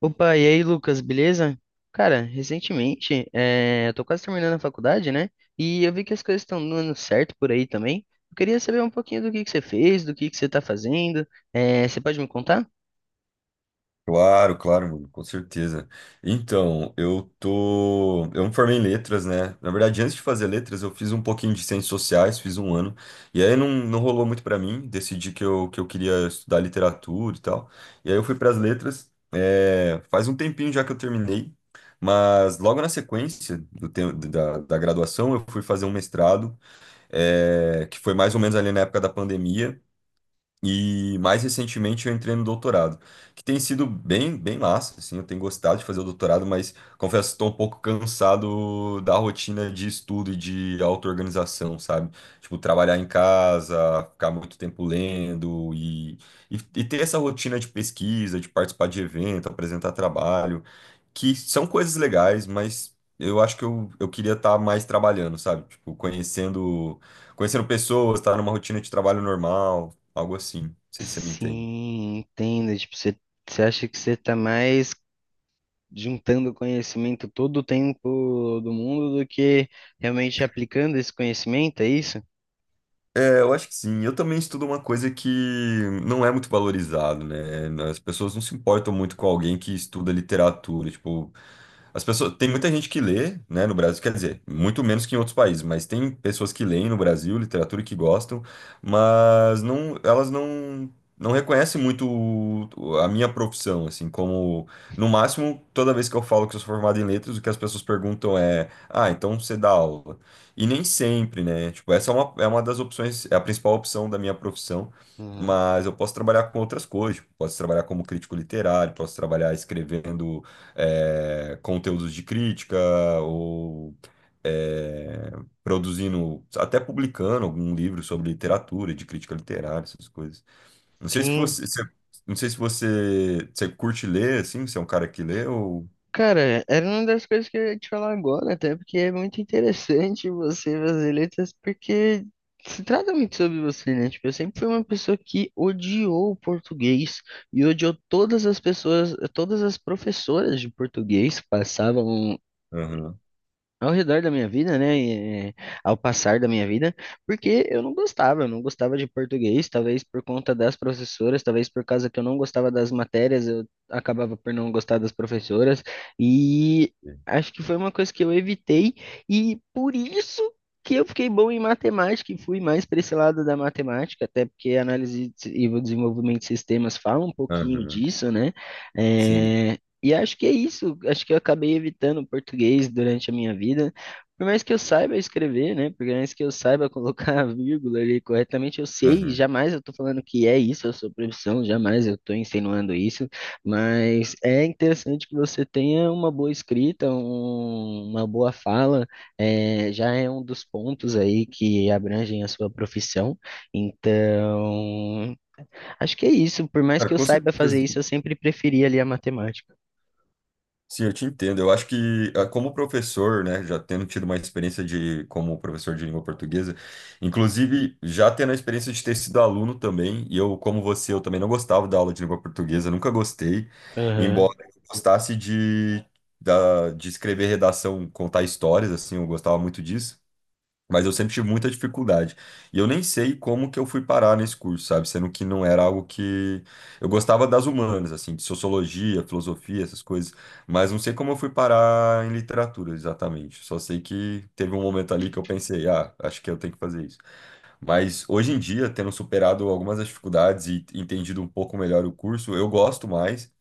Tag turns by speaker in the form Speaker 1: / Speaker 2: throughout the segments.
Speaker 1: Opa, e aí, Lucas, beleza? Cara, recentemente, eu tô quase terminando a faculdade, né? E eu vi que as coisas estão dando certo por aí também. Eu queria saber um pouquinho do que você fez, do que você tá fazendo. Você pode me contar?
Speaker 2: Claro, claro, mano, com certeza. Então, eu tô. Eu me formei em letras, né? Na verdade, antes de fazer letras, eu fiz um pouquinho de ciências sociais, fiz um ano. E aí não, não rolou muito pra mim. Decidi que eu queria estudar literatura e tal. E aí eu fui pras letras. É, faz um tempinho já que eu terminei. Mas logo na sequência do tempo, da graduação, eu fui fazer um mestrado, que foi mais ou menos ali na época da pandemia. E mais recentemente eu entrei no doutorado, que tem sido bem, bem massa, assim, eu tenho gostado de fazer o doutorado, mas confesso que estou um pouco cansado da rotina de estudo e de auto-organização, sabe? Tipo, trabalhar em casa, ficar muito tempo lendo e ter essa rotina de pesquisa, de participar de evento, apresentar trabalho, que são coisas legais, mas eu acho que eu queria estar mais trabalhando, sabe? Tipo, conhecendo pessoas, estar numa rotina de trabalho normal. Algo assim. Não sei se você me entende.
Speaker 1: Sim, entendo. Tipo, você acha que você tá mais juntando conhecimento todo o tempo do mundo do que realmente aplicando esse conhecimento, é isso?
Speaker 2: É, eu acho que sim. Eu também estudo uma coisa que não é muito valorizado, né? As pessoas não se importam muito com alguém que estuda literatura. Tipo, as pessoas, tem muita gente que lê, né, no Brasil, quer dizer, muito menos que em outros países, mas tem pessoas que leem no Brasil literatura e que gostam, mas não, elas não reconhecem muito a minha profissão, assim, como no máximo, toda vez que eu falo que eu sou formado em letras, o que as pessoas perguntam é: "Ah, então você dá aula?". E nem sempre, né? Tipo, essa é é uma das opções, é a principal opção da minha profissão.
Speaker 1: Uhum.
Speaker 2: Mas eu posso trabalhar com outras coisas, tipo, posso trabalhar como crítico literário, posso trabalhar escrevendo conteúdos de crítica ou é, produzindo, até publicando algum livro sobre literatura, de crítica literária, essas coisas. Não sei se
Speaker 1: Sim.
Speaker 2: você, se- não sei se você, você curte ler, assim, você é um cara que lê ou...
Speaker 1: Cara, era uma das coisas que eu ia te falar agora, até porque é muito interessante você fazer letras, porque se trata muito sobre você, né? Tipo, eu sempre fui uma pessoa que odiou o português e odiou todas as pessoas, todas as professoras de português que passavam
Speaker 2: Aham,
Speaker 1: ao redor da minha vida, né, e, ao passar da minha vida, porque eu não eu não gostava de português, talvez por conta das professoras, talvez por causa que eu não gostava das matérias, eu acabava por não gostar das professoras, e acho que foi uma coisa que eu evitei, e por isso que eu fiquei bom em matemática e fui mais para esse lado da matemática, até porque a análise e o desenvolvimento de sistemas falam um pouquinho
Speaker 2: aham,
Speaker 1: disso, né?
Speaker 2: sim.
Speaker 1: eh, e acho que é isso. Acho que eu acabei evitando o português durante a minha vida. Por mais que eu saiba escrever, né? Por mais que eu saiba colocar a vírgula ali corretamente, eu sei,
Speaker 2: Aham.
Speaker 1: jamais eu tô falando que é isso a sua profissão, jamais eu tô insinuando isso, mas é interessante que você tenha uma boa escrita, uma boa fala, é, já é um dos pontos aí que abrangem a sua profissão. Então, acho que é isso. Por mais que
Speaker 2: Cara,
Speaker 1: eu
Speaker 2: com
Speaker 1: saiba fazer
Speaker 2: certeza.
Speaker 1: isso, eu sempre preferi ali a matemática.
Speaker 2: Sim, eu te entendo. Eu acho que, ah, como professor, né, já tendo tido uma experiência de como professor de língua portuguesa, inclusive já tendo a experiência de ter sido aluno também, e eu, como você, eu também não gostava da aula de língua portuguesa, nunca gostei,
Speaker 1: Aham.
Speaker 2: embora eu gostasse da, de escrever redação, contar histórias, assim, eu gostava muito disso. Mas eu sempre tive muita dificuldade. E eu nem sei como que eu fui parar nesse curso, sabe? Sendo que não era algo que. Eu gostava das humanas, assim, de sociologia, filosofia, essas coisas. Mas não sei como eu fui parar em literatura exatamente. Só sei que teve um momento ali que eu pensei, ah, acho que eu tenho que fazer isso. Mas hoje em dia, tendo superado algumas das dificuldades e entendido um pouco melhor o curso, eu gosto mais.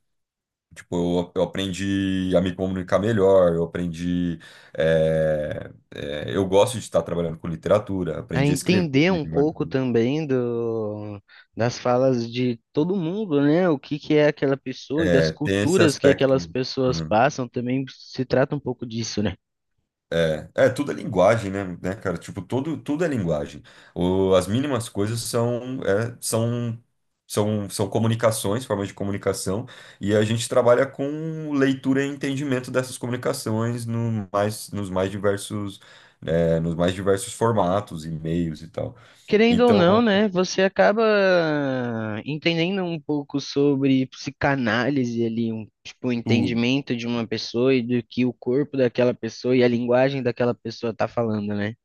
Speaker 2: Tipo, eu aprendi a me comunicar melhor, eu aprendi. Eu gosto de estar trabalhando com literatura,
Speaker 1: A
Speaker 2: aprendi a escrever
Speaker 1: entender um
Speaker 2: melhor.
Speaker 1: pouco também do, das falas de todo mundo, né? O que que é aquela pessoa e das
Speaker 2: É, tem esse
Speaker 1: culturas que aquelas
Speaker 2: aspecto.
Speaker 1: pessoas
Speaker 2: Né?
Speaker 1: passam também se trata um pouco disso, né?
Speaker 2: É, tudo é linguagem, né, cara? Tipo, todo, tudo é linguagem. O, as mínimas coisas são são comunicações, formas de comunicação, e a gente trabalha com leitura e entendimento dessas comunicações no mais, nos mais diversos, né, nos mais diversos formatos, e-mails e tal.
Speaker 1: Querendo ou não,
Speaker 2: Então,
Speaker 1: né? Você acaba entendendo um pouco sobre psicanálise ali, um tipo, o
Speaker 2: tudo.
Speaker 1: entendimento de uma pessoa e do que o corpo daquela pessoa e a linguagem daquela pessoa tá falando, né?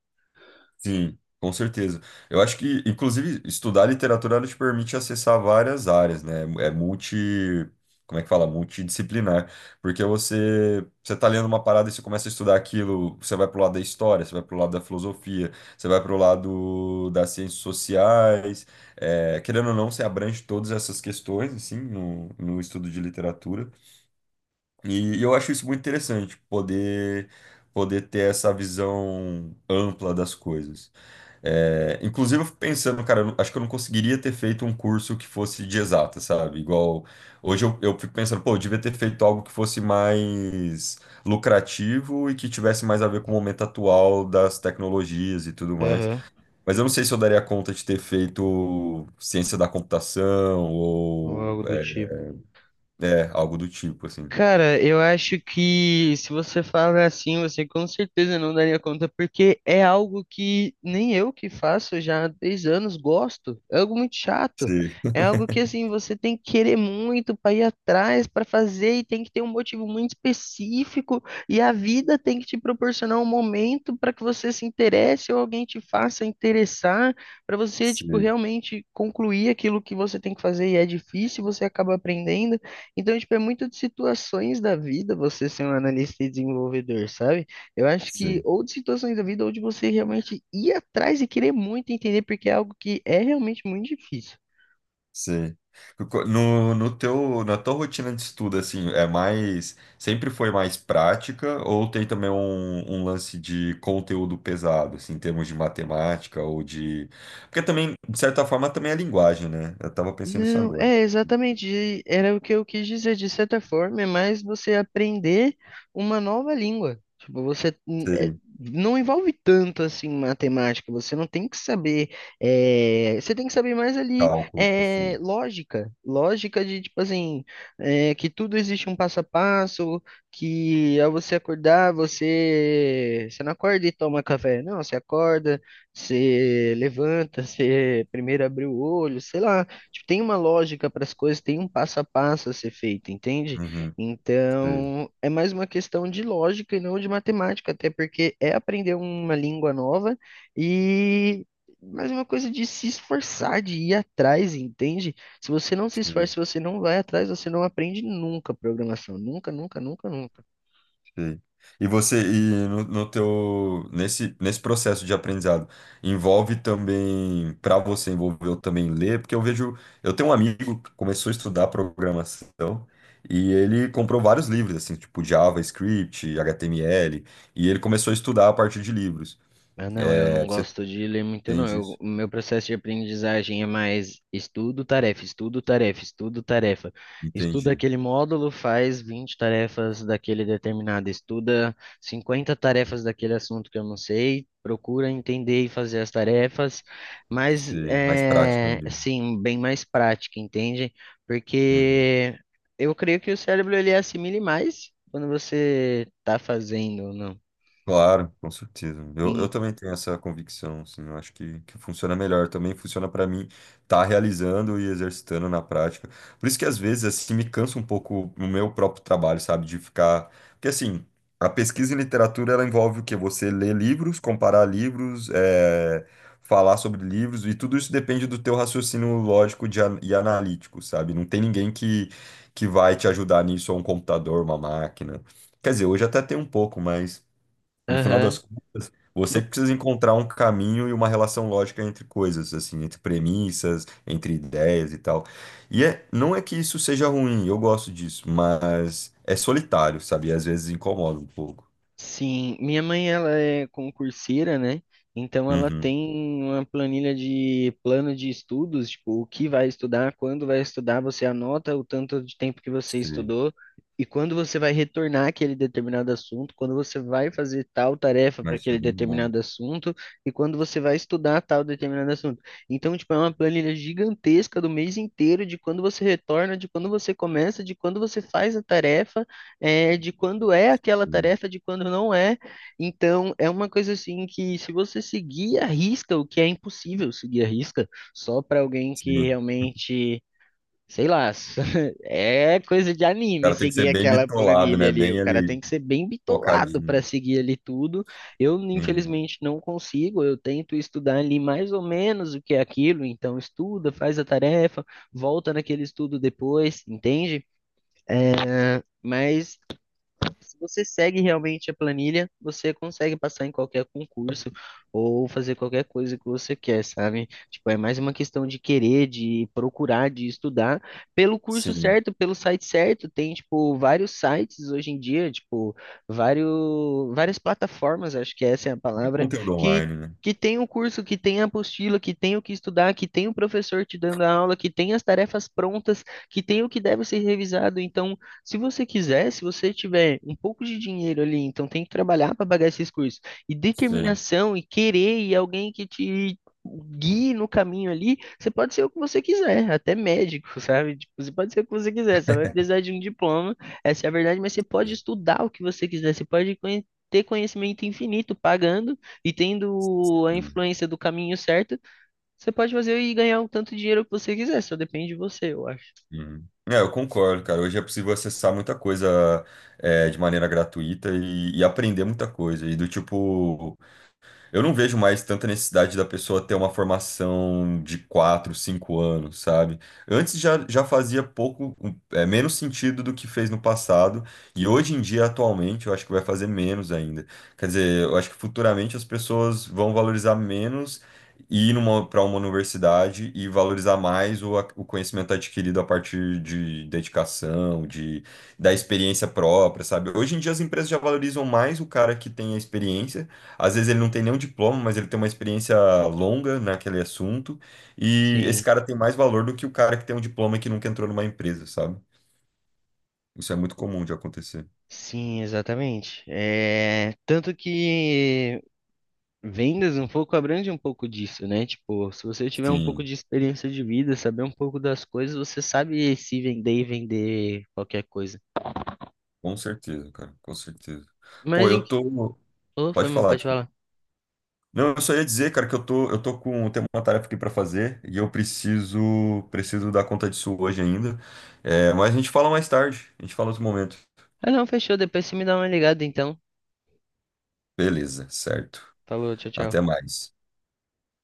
Speaker 2: Sim, com certeza. Eu acho que, inclusive, estudar literatura ela te permite acessar várias áreas, né? É multi. Como é que fala? Multidisciplinar. Porque você tá lendo uma parada e você começa a estudar aquilo, você vai pro lado da história, você vai pro lado da filosofia, você vai pro lado das ciências sociais. É, querendo ou não, você abrange todas essas questões, assim, no estudo de literatura. E eu acho isso muito interessante, poder ter essa visão ampla das coisas. É, inclusive, eu fico pensando, cara, eu não- acho que eu não conseguiria ter feito um curso que fosse de exata, sabe? Igual. Hoje eu fico pensando, pô, eu devia ter feito algo que fosse mais lucrativo e que tivesse mais a ver com o momento atual das tecnologias e tudo mais.
Speaker 1: Aham.
Speaker 2: Mas eu não sei se eu daria conta de ter feito ciência da computação
Speaker 1: Ou
Speaker 2: ou
Speaker 1: algo do
Speaker 2: é,
Speaker 1: tipo.
Speaker 2: é, algo do tipo, assim.
Speaker 1: Cara, eu acho que se você fala assim, você com certeza não daria conta, porque é algo que nem eu que faço já há 10 anos gosto. É algo muito chato.
Speaker 2: Sim,
Speaker 1: É algo que assim, você tem que querer muito para ir atrás, para fazer e tem que ter um motivo muito específico e a vida tem que te proporcionar um momento para que você se interesse ou alguém te faça interessar, para você tipo
Speaker 2: sim,
Speaker 1: realmente concluir aquilo que você tem que fazer e é difícil, você acaba aprendendo. Então, tipo, é muito de situações da vida você ser um analista e desenvolvedor, sabe? Eu acho que
Speaker 2: sim.
Speaker 1: ou de situações da vida ou de você realmente ir atrás e querer muito entender, porque é algo que é realmente muito difícil.
Speaker 2: Sim. No teu, na tua rotina de estudo, assim, sempre foi mais prática ou tem também um lance de conteúdo pesado, assim, em termos de matemática ou de... Porque também, de certa forma, também é linguagem, né? Eu tava pensando nisso
Speaker 1: Não,
Speaker 2: agora.
Speaker 1: é exatamente, e era o que eu quis dizer, de certa forma, é mais você aprender uma nova língua. Tipo, você
Speaker 2: Sim,
Speaker 1: não envolve tanto assim matemática, você não tem que saber, é, você tem que saber mais ali
Speaker 2: cálculo profundo.
Speaker 1: lógica, lógica de tipo assim, é, que tudo existe um passo a passo, que ao você acordar, você não acorda e toma café, não, você acorda, você levanta, você primeiro abre o olho, sei lá. Tipo, tem uma lógica para as coisas, tem um passo a passo a ser feito, entende?
Speaker 2: Uhum, sim,
Speaker 1: Então, é mais uma questão de lógica e não de matemática, até porque é aprender uma língua nova e mais uma coisa de se esforçar, de ir atrás, entende? Se você não se esforça,
Speaker 2: sim.
Speaker 1: se você não vai atrás, você não aprende nunca programação, nunca, nunca, nunca, nunca.
Speaker 2: Sei. E você, no teu, nesse processo de aprendizado, envolve também, para você, envolveu também ler, porque eu vejo, eu tenho um amigo que começou a estudar programação e ele comprou vários livros, assim, tipo JavaScript, HTML, e ele começou a estudar a partir de livros.
Speaker 1: Ah, não, eu não
Speaker 2: É, você
Speaker 1: gosto de ler muito, não.
Speaker 2: entende isso?
Speaker 1: O meu processo de aprendizagem é mais estudo, tarefa, estudo, tarefa, estudo, tarefa. Estuda
Speaker 2: Entendi.
Speaker 1: aquele módulo, faz 20 tarefas daquele determinado, estuda 50 tarefas daquele assunto que eu não sei, procura entender e fazer as tarefas, mas
Speaker 2: Sei, mais prática
Speaker 1: é,
Speaker 2: mesmo.
Speaker 1: assim, bem mais prática, entende?
Speaker 2: Uhum.
Speaker 1: Porque eu creio que o cérebro ele assimile mais quando você está fazendo, não?
Speaker 2: Claro, com certeza. Eu,
Speaker 1: Em,
Speaker 2: eu também tenho essa convicção, assim, eu acho que funciona melhor. Também funciona para mim estar realizando e exercitando na prática. Por isso que às vezes, assim, me cansa um pouco o meu próprio trabalho, sabe? De ficar. Porque, assim, a pesquisa em literatura, ela envolve o quê? Você ler livros, comparar livros, é falar sobre livros, e tudo isso depende do teu raciocínio lógico e analítico, sabe? Não tem ninguém que vai te ajudar nisso, ou um computador, uma máquina. Quer dizer, hoje até tem um pouco, mas. No final das
Speaker 1: Aham.
Speaker 2: contas, você
Speaker 1: No
Speaker 2: precisa encontrar um caminho e uma relação lógica entre coisas, assim, entre premissas, entre ideias e tal. E é, não é que isso seja ruim, eu gosto disso, mas é solitário, sabe? E às vezes incomoda um pouco.
Speaker 1: Sim, minha mãe ela é concurseira, né? Então ela
Speaker 2: Uhum.
Speaker 1: tem uma planilha de plano de estudos, tipo, o que vai estudar, quando vai estudar, você anota o tanto de tempo que você
Speaker 2: Sim,
Speaker 1: estudou e quando você vai retornar aquele determinado assunto, quando você vai fazer tal tarefa para
Speaker 2: mas isso é
Speaker 1: aquele
Speaker 2: bem bom.
Speaker 1: determinado assunto e quando você vai estudar tal determinado assunto. Então, tipo, é uma planilha gigantesca do mês inteiro de quando você retorna, de quando você começa, de quando você faz a tarefa de quando é aquela
Speaker 2: Sim.
Speaker 1: tarefa, de quando não é. Então, é uma coisa assim que se você seguir a risca, o que é impossível seguir a risca, só para alguém que
Speaker 2: Sim.
Speaker 1: realmente, sei lá, é coisa de
Speaker 2: O
Speaker 1: anime
Speaker 2: cara tem que ser
Speaker 1: seguir
Speaker 2: bem
Speaker 1: aquela
Speaker 2: bitolado,
Speaker 1: planilha
Speaker 2: né?
Speaker 1: ali. O
Speaker 2: Bem
Speaker 1: cara tem
Speaker 2: ali,
Speaker 1: que ser bem bitolado para
Speaker 2: focadinho.
Speaker 1: seguir ali tudo. Eu,
Speaker 2: Uhum.
Speaker 1: infelizmente, não consigo. Eu tento estudar ali mais ou menos o que é aquilo, então estuda, faz a tarefa, volta naquele estudo depois, entende? É, mas se você segue realmente a planilha, você consegue passar em qualquer concurso ou fazer qualquer coisa que você quer, sabe? Tipo, é mais uma questão de querer, de procurar, de estudar pelo curso
Speaker 2: Sim.
Speaker 1: certo, pelo site certo. Tem, tipo, vários sites hoje em dia, tipo, vários, várias plataformas, acho que essa é a
Speaker 2: Muito
Speaker 1: palavra,
Speaker 2: conteúdo
Speaker 1: que
Speaker 2: online, né?
Speaker 1: que tem o curso, que tem a apostila, que tem o que estudar, que tem o professor te dando a aula, que tem as tarefas prontas, que tem o que deve ser revisado. Então, se você quiser, se você tiver um pouco de dinheiro ali, então tem que trabalhar para pagar esses cursos. E
Speaker 2: Sim.
Speaker 1: determinação e querer e alguém que te guie no caminho ali, você pode ser o que você quiser, até médico, sabe? Tipo, você pode ser o que você quiser, você vai precisar de um diploma, essa é a verdade, mas você pode estudar o que você quiser, você pode ter conhecimento infinito pagando e tendo a
Speaker 2: Sim.
Speaker 1: influência do caminho certo, você pode fazer e ganhar o tanto de dinheiro que você quiser, só depende de você, eu acho.
Speaker 2: Uhum. É, eu concordo, cara. Hoje é possível acessar muita coisa de maneira gratuita e aprender muita coisa. E do tipo, eu não vejo mais tanta necessidade da pessoa ter uma formação de 4, 5 anos, sabe? Antes já, já fazia pouco, menos sentido do que fez no passado, e hoje em dia, atualmente, eu acho que vai fazer menos ainda. Quer dizer, eu acho que futuramente as pessoas vão valorizar menos ir para uma universidade e valorizar mais o conhecimento adquirido a partir de dedicação, da experiência própria, sabe? Hoje em dia as empresas já valorizam mais o cara que tem a experiência às vezes ele não tem nenhum diploma, mas ele tem uma experiência longa naquele assunto. E esse
Speaker 1: Sim.
Speaker 2: cara tem mais valor do que o cara que tem um diploma e que nunca entrou numa empresa, sabe? Isso é muito comum de acontecer.
Speaker 1: Sim, exatamente. É, tanto que vendas um pouco abrange um pouco disso, né? Tipo, se você tiver um pouco
Speaker 2: Sim,
Speaker 1: de experiência de vida, saber um pouco das coisas, você sabe se vender e vender qualquer coisa.
Speaker 2: com certeza, cara, com certeza.
Speaker 1: Mas
Speaker 2: Pô,
Speaker 1: em...
Speaker 2: eu tô.
Speaker 1: Oh, foi,
Speaker 2: Pode
Speaker 1: mano,
Speaker 2: falar,
Speaker 1: pode
Speaker 2: desculpa.
Speaker 1: falar.
Speaker 2: Não, eu só ia dizer, cara, que eu tô com, eu tenho uma tarefa aqui pra fazer e eu preciso dar conta disso hoje ainda. É, mas a gente fala mais tarde, a gente fala outro momento.
Speaker 1: Ah, não, fechou. Depois você me dá uma ligada, então.
Speaker 2: Beleza, certo.
Speaker 1: Falou, tchau,
Speaker 2: Até
Speaker 1: tchau.
Speaker 2: mais.